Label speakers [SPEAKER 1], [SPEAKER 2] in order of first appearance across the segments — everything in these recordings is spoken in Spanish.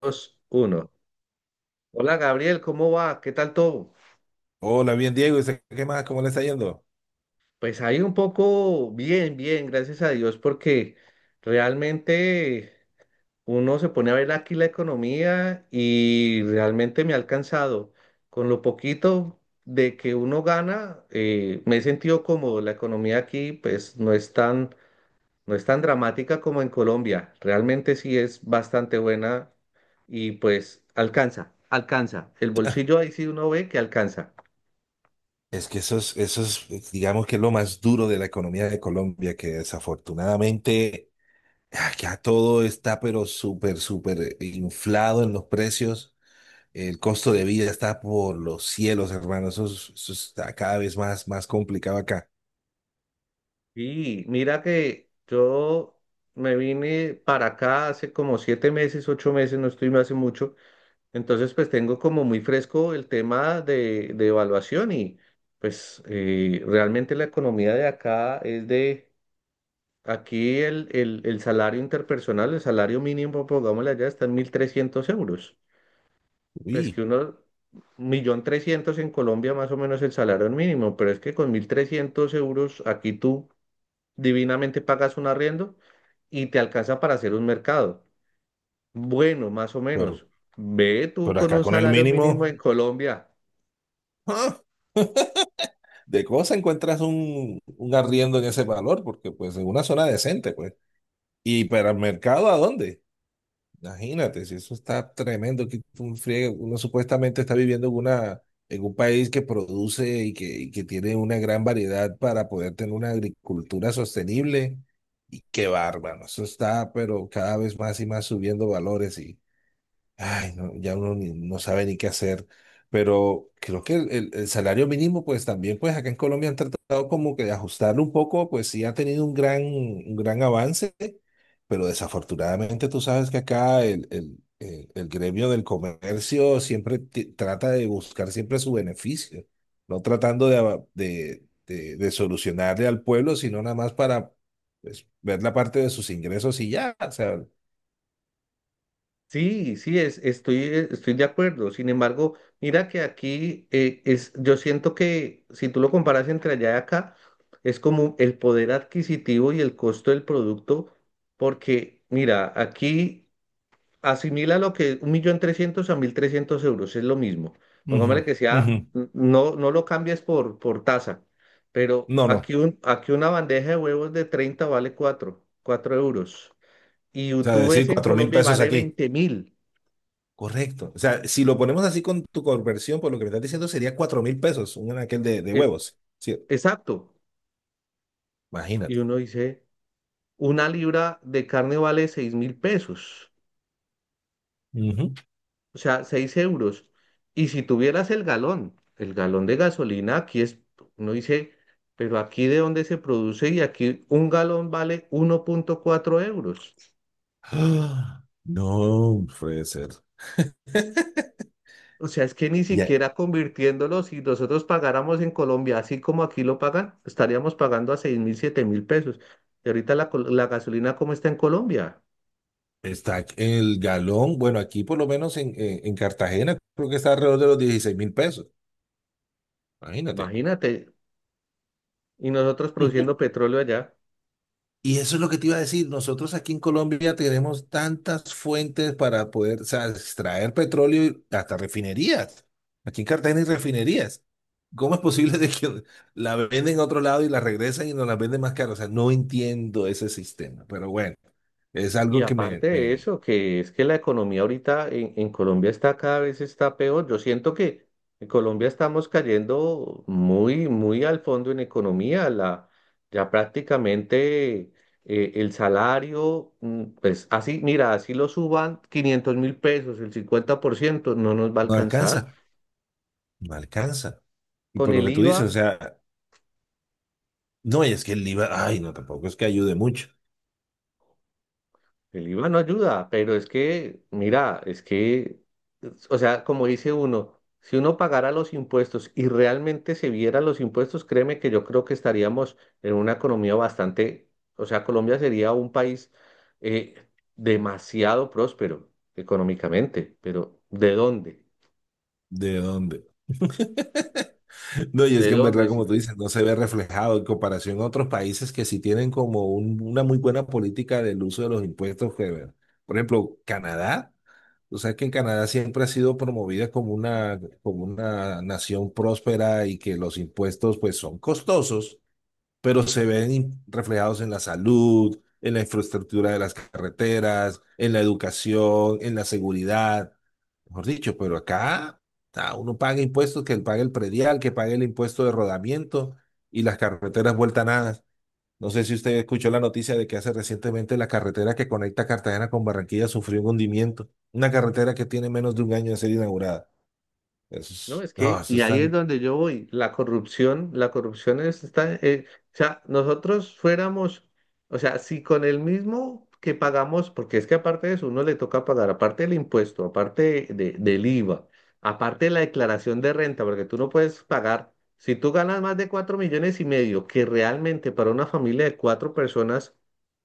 [SPEAKER 1] Dos, uno. Hola Gabriel, ¿cómo va? ¿Qué tal todo?
[SPEAKER 2] Hola, bien Diego, ¿y usted qué más? ¿Cómo le está yendo?
[SPEAKER 1] Pues ahí un poco bien, bien, gracias a Dios, porque realmente uno se pone a ver aquí la economía y realmente me ha alcanzado. Con lo poquito de que uno gana, me he sentido cómodo. La economía aquí pues no es tan dramática como en Colombia. Realmente sí es bastante buena y pues alcanza, alcanza. El bolsillo ahí sí uno ve que alcanza.
[SPEAKER 2] Es que eso es, digamos que es lo más duro de la economía de Colombia, que desafortunadamente acá todo está pero súper, súper inflado en los precios. El costo de vida está por los cielos, hermano. Eso, eso está cada vez más complicado acá.
[SPEAKER 1] Y mira que yo me vine para acá hace como 7 meses, 8 meses, no estoy hace mucho. Entonces, pues tengo como muy fresco el tema de evaluación y pues realmente la economía de acá es de, aquí el salario interpersonal, el salario mínimo, pongámosle allá, está en 1.300 euros. Pues que
[SPEAKER 2] Uy,
[SPEAKER 1] uno, millón trescientos en Colombia más o menos el salario mínimo, pero es que con 1.300 euros aquí tú divinamente pagas un arriendo y te alcanza para hacer un mercado. Bueno, más o
[SPEAKER 2] pero,
[SPEAKER 1] menos. Ve tú
[SPEAKER 2] pero
[SPEAKER 1] con
[SPEAKER 2] acá
[SPEAKER 1] un
[SPEAKER 2] con el
[SPEAKER 1] salario
[SPEAKER 2] mínimo,
[SPEAKER 1] mínimo en Colombia.
[SPEAKER 2] ¡ah! De cosa encuentras un arriendo en ese valor, porque pues en una zona decente, pues. ¿Y para el mercado a dónde? Imagínate, si eso está tremendo, que tú friegue, uno supuestamente está viviendo en un país que produce y que tiene una gran variedad para poder tener una agricultura sostenible. Y qué bárbaro, eso está, pero cada vez más y más subiendo valores. Y, ay, no, ya uno no sabe ni qué hacer, pero creo que el salario mínimo, pues también, pues acá en Colombia han tratado como que de ajustarlo un poco, pues sí ha tenido un gran avance, pero desafortunadamente tú sabes que acá el gremio del comercio siempre trata de buscar siempre su beneficio, no tratando de, ava- de solucionarle al pueblo, sino nada más para pues, ver la parte de sus ingresos y ya, o sea,
[SPEAKER 1] Sí, sí, estoy de acuerdo. Sin embargo, mira que aquí yo siento que si tú lo comparas entre allá y acá, es como el poder adquisitivo y el costo del producto, porque mira, aquí asimila lo que un millón trescientos a 1.300 euros, es lo mismo.
[SPEAKER 2] ujú,
[SPEAKER 1] Pongámosle que
[SPEAKER 2] ujú.
[SPEAKER 1] sea, no lo cambies por tasa, pero
[SPEAKER 2] No, no.
[SPEAKER 1] aquí, aquí una bandeja de huevos de 30 vale cuatro euros. Y
[SPEAKER 2] O sea,
[SPEAKER 1] tú
[SPEAKER 2] decir
[SPEAKER 1] ves en
[SPEAKER 2] cuatro mil
[SPEAKER 1] Colombia y
[SPEAKER 2] pesos
[SPEAKER 1] vale
[SPEAKER 2] aquí.
[SPEAKER 1] 20.000,
[SPEAKER 2] Correcto. O sea, si lo ponemos así con tu conversión, por lo que me estás diciendo, sería 4.000 pesos, un aquel de
[SPEAKER 1] es,
[SPEAKER 2] huevos. Sí,
[SPEAKER 1] exacto. Y
[SPEAKER 2] imagínate.
[SPEAKER 1] uno dice, una libra de carne vale 6.000 pesos.
[SPEAKER 2] Ujú.
[SPEAKER 1] O sea, 6 euros. Y si tuvieras el galón de gasolina, uno dice, pero aquí de dónde se produce y aquí un galón vale 1.4 euros.
[SPEAKER 2] Ah, no puede ser.
[SPEAKER 1] O sea, es que ni
[SPEAKER 2] Ya.
[SPEAKER 1] siquiera convirtiéndolo, si nosotros pagáramos en Colombia, así como aquí lo pagan, estaríamos pagando a 6.000, 7.000 pesos. Y ahorita la gasolina, ¿cómo está en Colombia?
[SPEAKER 2] Está el galón. Bueno, aquí por lo menos en Cartagena creo que está alrededor de los 16.000 pesos. Imagínate.
[SPEAKER 1] Imagínate. Y nosotros produciendo petróleo allá.
[SPEAKER 2] Y eso es lo que te iba a decir. Nosotros aquí en Colombia tenemos tantas fuentes para poder, o sea, extraer petróleo y hasta refinerías. Aquí en Cartagena hay refinerías. ¿Cómo es posible de que la venden a otro lado y la regresan y nos la venden más cara? O sea, no entiendo ese sistema. Pero bueno, es algo
[SPEAKER 1] Y
[SPEAKER 2] que me,
[SPEAKER 1] aparte de
[SPEAKER 2] me
[SPEAKER 1] eso, que es que la economía ahorita en Colombia está cada vez está peor. Yo siento que en Colombia estamos cayendo muy, muy al fondo en economía. Ya prácticamente el salario, pues así, mira, así lo suban 500.000 pesos, el 50% no nos va a
[SPEAKER 2] no
[SPEAKER 1] alcanzar.
[SPEAKER 2] alcanza, no alcanza. Y
[SPEAKER 1] Con
[SPEAKER 2] por lo
[SPEAKER 1] el
[SPEAKER 2] que tú dices, o
[SPEAKER 1] IVA.
[SPEAKER 2] sea, no, y es que el IVA, ay, no, tampoco es que ayude mucho.
[SPEAKER 1] El IVA no ayuda, pero es que, mira, es que, o sea, como dice uno, si uno pagara los impuestos y realmente se viera los impuestos, créeme que yo creo que estaríamos en una economía bastante, o sea, Colombia sería un país eh, demasiado próspero económicamente, pero ¿de dónde?
[SPEAKER 2] ¿De dónde? No, y es
[SPEAKER 1] ¿De
[SPEAKER 2] que en verdad,
[SPEAKER 1] dónde? Si.
[SPEAKER 2] como tú dices, no se ve reflejado en comparación a otros países que sí tienen como una muy buena política del uso de los impuestos. Que, bueno, por ejemplo, Canadá. Tú sabes que en Canadá siempre ha sido promovida como una nación próspera y que los impuestos pues son costosos, pero se ven reflejados en la salud, en la infraestructura de las carreteras, en la educación, en la seguridad mejor dicho, pero acá uno paga impuestos, que pague el predial, que pague el impuesto de rodamiento y las carreteras vuelta a nada. No sé si usted escuchó la noticia de que hace recientemente la carretera que conecta Cartagena con Barranquilla sufrió un hundimiento. Una carretera que tiene menos de un año de ser inaugurada. Eso,
[SPEAKER 1] No, es
[SPEAKER 2] no,
[SPEAKER 1] que,
[SPEAKER 2] eso
[SPEAKER 1] y
[SPEAKER 2] es
[SPEAKER 1] ahí es
[SPEAKER 2] tan.
[SPEAKER 1] donde yo voy, la corrupción es, está, o sea, nosotros fuéramos, o sea, si con el mismo que pagamos, porque es que aparte de eso, uno le toca pagar, aparte del impuesto, aparte del IVA, aparte de la declaración de renta, porque tú no puedes pagar, si tú ganas más de 4,5 millones, que realmente para una familia de 4 personas,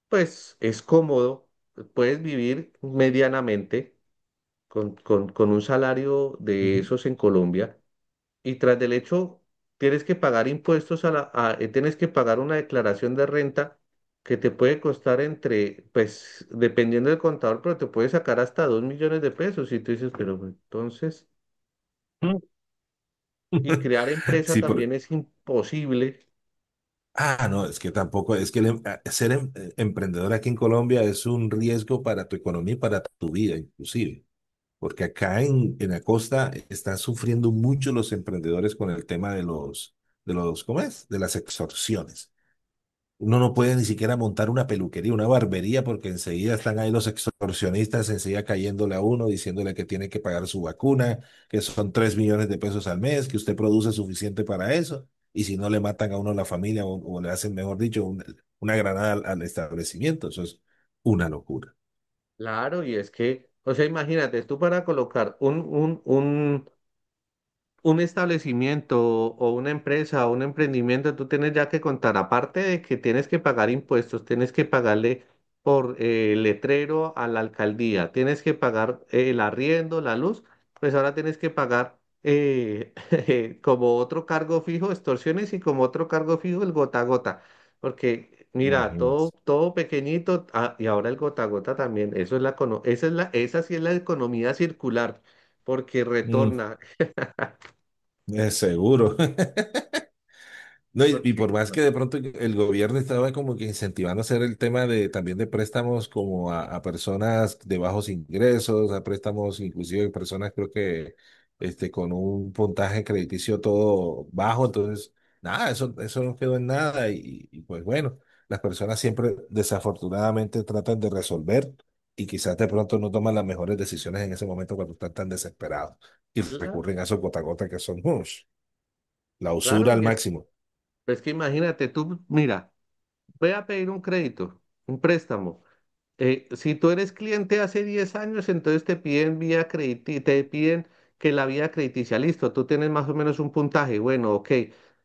[SPEAKER 1] pues es cómodo, puedes vivir medianamente con un salario de
[SPEAKER 2] Ujú.
[SPEAKER 1] esos en Colombia y tras del hecho tienes que pagar impuestos tienes que pagar una declaración de renta que te puede costar entre, pues, dependiendo del contador, pero te puede sacar hasta 2 millones de pesos. Y tú dices, pero pues, entonces,
[SPEAKER 2] Mm.
[SPEAKER 1] y crear empresa
[SPEAKER 2] Sí, por.
[SPEAKER 1] también es imposible,
[SPEAKER 2] Ah, no, es que tampoco, es que ser emprendedor aquí en Colombia es un riesgo para tu economía y para tu vida, inclusive. Porque acá en la costa están sufriendo mucho los emprendedores con el tema de los, ¿cómo es? De las extorsiones. Uno no puede ni siquiera montar una peluquería, una barbería, porque enseguida están ahí los extorsionistas, enseguida cayéndole a uno, diciéndole que tiene que pagar su vacuna, que son 3 millones de pesos al mes, que usted produce suficiente para eso, y si no le matan a uno la familia o le hacen, mejor dicho, una granada al establecimiento. Eso es una locura.
[SPEAKER 1] claro, y es que, o sea, imagínate, tú para colocar un establecimiento o una empresa o un emprendimiento, tú tienes ya que contar, aparte de que tienes que pagar impuestos, tienes que pagarle por letrero a la alcaldía, tienes que pagar el arriendo, la luz, pues ahora tienes que pagar como otro cargo fijo, extorsiones y como otro cargo fijo, el gota a gota, porque mira, todo,
[SPEAKER 2] Imagínense.
[SPEAKER 1] todo pequeñito, ah, y ahora el gota a gota también, eso es esa sí es la economía circular, porque
[SPEAKER 2] Mm,
[SPEAKER 1] retorna,
[SPEAKER 2] es seguro. No, y
[SPEAKER 1] porque...
[SPEAKER 2] por más que de pronto el gobierno estaba como que incentivando hacer el tema de también de préstamos como a personas de bajos ingresos, a préstamos inclusive de personas creo que con un puntaje crediticio todo bajo, entonces nada, eso no quedó en nada y pues bueno, las personas siempre desafortunadamente tratan de resolver y quizás de pronto no toman las mejores decisiones en ese momento cuando están tan desesperados y
[SPEAKER 1] Claro,
[SPEAKER 2] recurren a esos gota a gota que son ush, la usura
[SPEAKER 1] claro,
[SPEAKER 2] al
[SPEAKER 1] y es,
[SPEAKER 2] máximo.
[SPEAKER 1] es que imagínate, tú, mira, voy a pedir un crédito, un préstamo. Si tú eres cliente hace 10 años, entonces te piden que la vía crediticia, listo, tú tienes más o menos un puntaje, bueno, ok.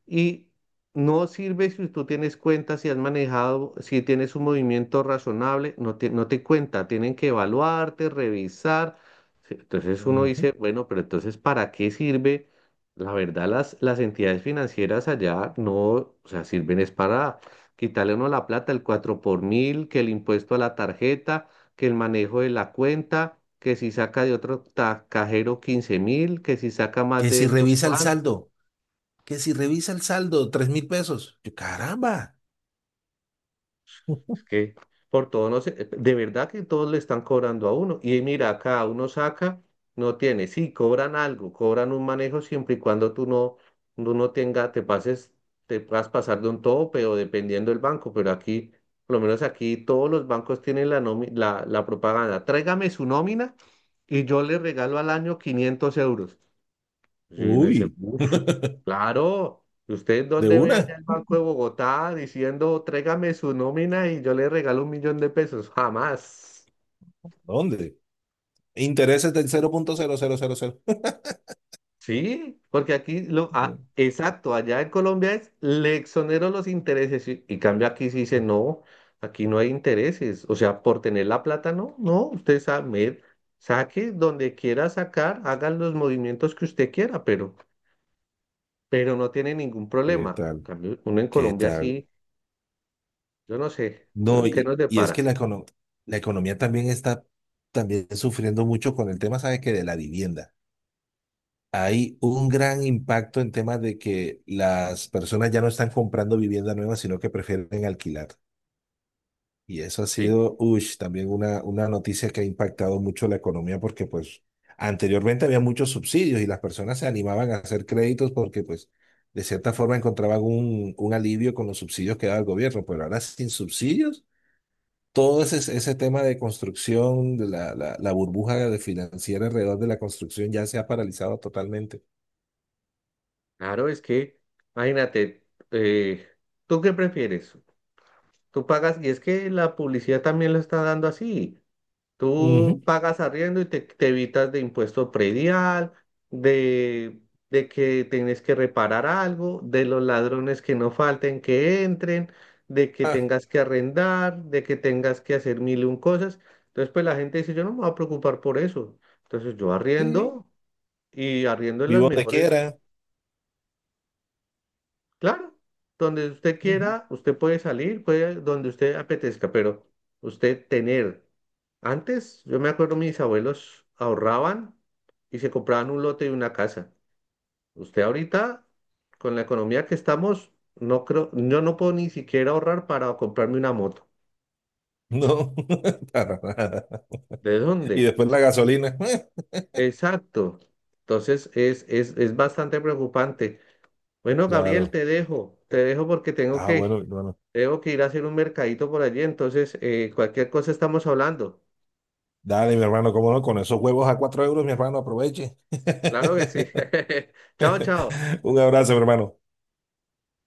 [SPEAKER 1] Y no sirve si tú tienes cuenta, si has manejado, si tienes un movimiento razonable, no te cuenta, tienen que evaluarte, revisar. Sí, entonces uno
[SPEAKER 2] Ujú.
[SPEAKER 1] dice, bueno, pero entonces, ¿para qué sirve? La verdad, las entidades financieras allá no, o sea, sirven es para quitarle uno la plata, el 4 por mil, que el impuesto a la tarjeta, que el manejo de la cuenta, que si saca de otro cajero 15.000, que si saca más
[SPEAKER 2] Que
[SPEAKER 1] de
[SPEAKER 2] si
[SPEAKER 1] esto.
[SPEAKER 2] revisa el saldo, que si revisa el saldo, 3.000 pesos. Yo, caramba.
[SPEAKER 1] Es que por todo no sé, de verdad que todos le están cobrando a uno. Y mira, cada uno saca, no tiene. Sí, cobran algo, cobran un manejo siempre y cuando tú no tenga, te pases, te puedas pasar de un tope o dependiendo del banco. Pero aquí, por lo menos aquí, todos los bancos tienen la propaganda. Tráigame su nómina y yo le regalo al año 500 euros. Y uno dice,
[SPEAKER 2] Uy,
[SPEAKER 1] uff, claro, ¿usted
[SPEAKER 2] de
[SPEAKER 1] dónde ve allá
[SPEAKER 2] una.
[SPEAKER 1] el Banco de Bogotá diciendo, tráigame su nómina y yo le regalo 1 millón de pesos? Jamás.
[SPEAKER 2] ¿Dónde? Intereses del 0.0000.
[SPEAKER 1] Sí, porque aquí ah, exacto, allá en Colombia le exonero los intereses y cambio aquí sí dice, no, aquí no hay intereses. O sea, por tener la plata, no, no, usted sabe, saque donde quiera sacar, haga los movimientos que usted quiera, pero no tiene ningún
[SPEAKER 2] ¿Qué
[SPEAKER 1] problema. En
[SPEAKER 2] tal?
[SPEAKER 1] cambio, uno en
[SPEAKER 2] ¿Qué
[SPEAKER 1] Colombia
[SPEAKER 2] tal?
[SPEAKER 1] sí. Yo no sé,
[SPEAKER 2] No,
[SPEAKER 1] ¿qué
[SPEAKER 2] y,
[SPEAKER 1] nos
[SPEAKER 2] y es que
[SPEAKER 1] depara?
[SPEAKER 2] la economía también está también sufriendo mucho con el tema, ¿sabes qué? De la vivienda. Hay un gran impacto en temas de que las personas ya no están comprando vivienda nueva, sino que prefieren alquilar. Y eso ha
[SPEAKER 1] Sí,
[SPEAKER 2] sido, ush, también una noticia que ha impactado mucho la economía porque pues anteriormente había muchos subsidios y las personas se animaban a hacer créditos porque pues de cierta forma encontraban un alivio con los subsidios que daba el gobierno, pero ahora sin subsidios, todo ese tema de construcción, de la burbuja de financiera alrededor de la construcción ya se ha paralizado totalmente.
[SPEAKER 1] claro, es que, imagínate, eh, ¿tú qué prefieres? Tú pagas, y es que la publicidad también lo está dando así.
[SPEAKER 2] Ujú.
[SPEAKER 1] Tú pagas arriendo y te evitas de impuesto predial, de, de que tienes que reparar algo, de los ladrones que no falten que entren, de que
[SPEAKER 2] Ah,
[SPEAKER 1] tengas que arrendar, de que tengas que hacer mil y un cosas. Entonces, pues la gente dice, yo no me voy a preocupar por eso. Entonces, yo
[SPEAKER 2] sí,
[SPEAKER 1] arriendo. Y arriendo en las
[SPEAKER 2] vivo donde
[SPEAKER 1] mejores,
[SPEAKER 2] quiera.
[SPEAKER 1] claro, donde usted
[SPEAKER 2] Ujú.
[SPEAKER 1] quiera, usted puede salir, puede donde usted apetezca, pero usted tener. Antes, yo me acuerdo, mis abuelos ahorraban y se compraban un lote y una casa. Usted ahorita, con la economía que estamos, no creo, yo no puedo ni siquiera ahorrar para comprarme una moto.
[SPEAKER 2] No, para nada.
[SPEAKER 1] ¿De
[SPEAKER 2] Y
[SPEAKER 1] dónde?
[SPEAKER 2] después la gasolina.
[SPEAKER 1] Exacto. Entonces es bastante preocupante. Bueno, Gabriel,
[SPEAKER 2] Claro.
[SPEAKER 1] te dejo porque tengo
[SPEAKER 2] Ah, bueno,
[SPEAKER 1] que.
[SPEAKER 2] mi hermano.
[SPEAKER 1] Tengo que ir a hacer un mercadito por allí, entonces cualquier cosa estamos hablando.
[SPEAKER 2] Dale, mi hermano, cómo no, con esos huevos a 4 euros, mi hermano, aproveche.
[SPEAKER 1] Claro que sí. Chao, chao.
[SPEAKER 2] Un abrazo, mi hermano.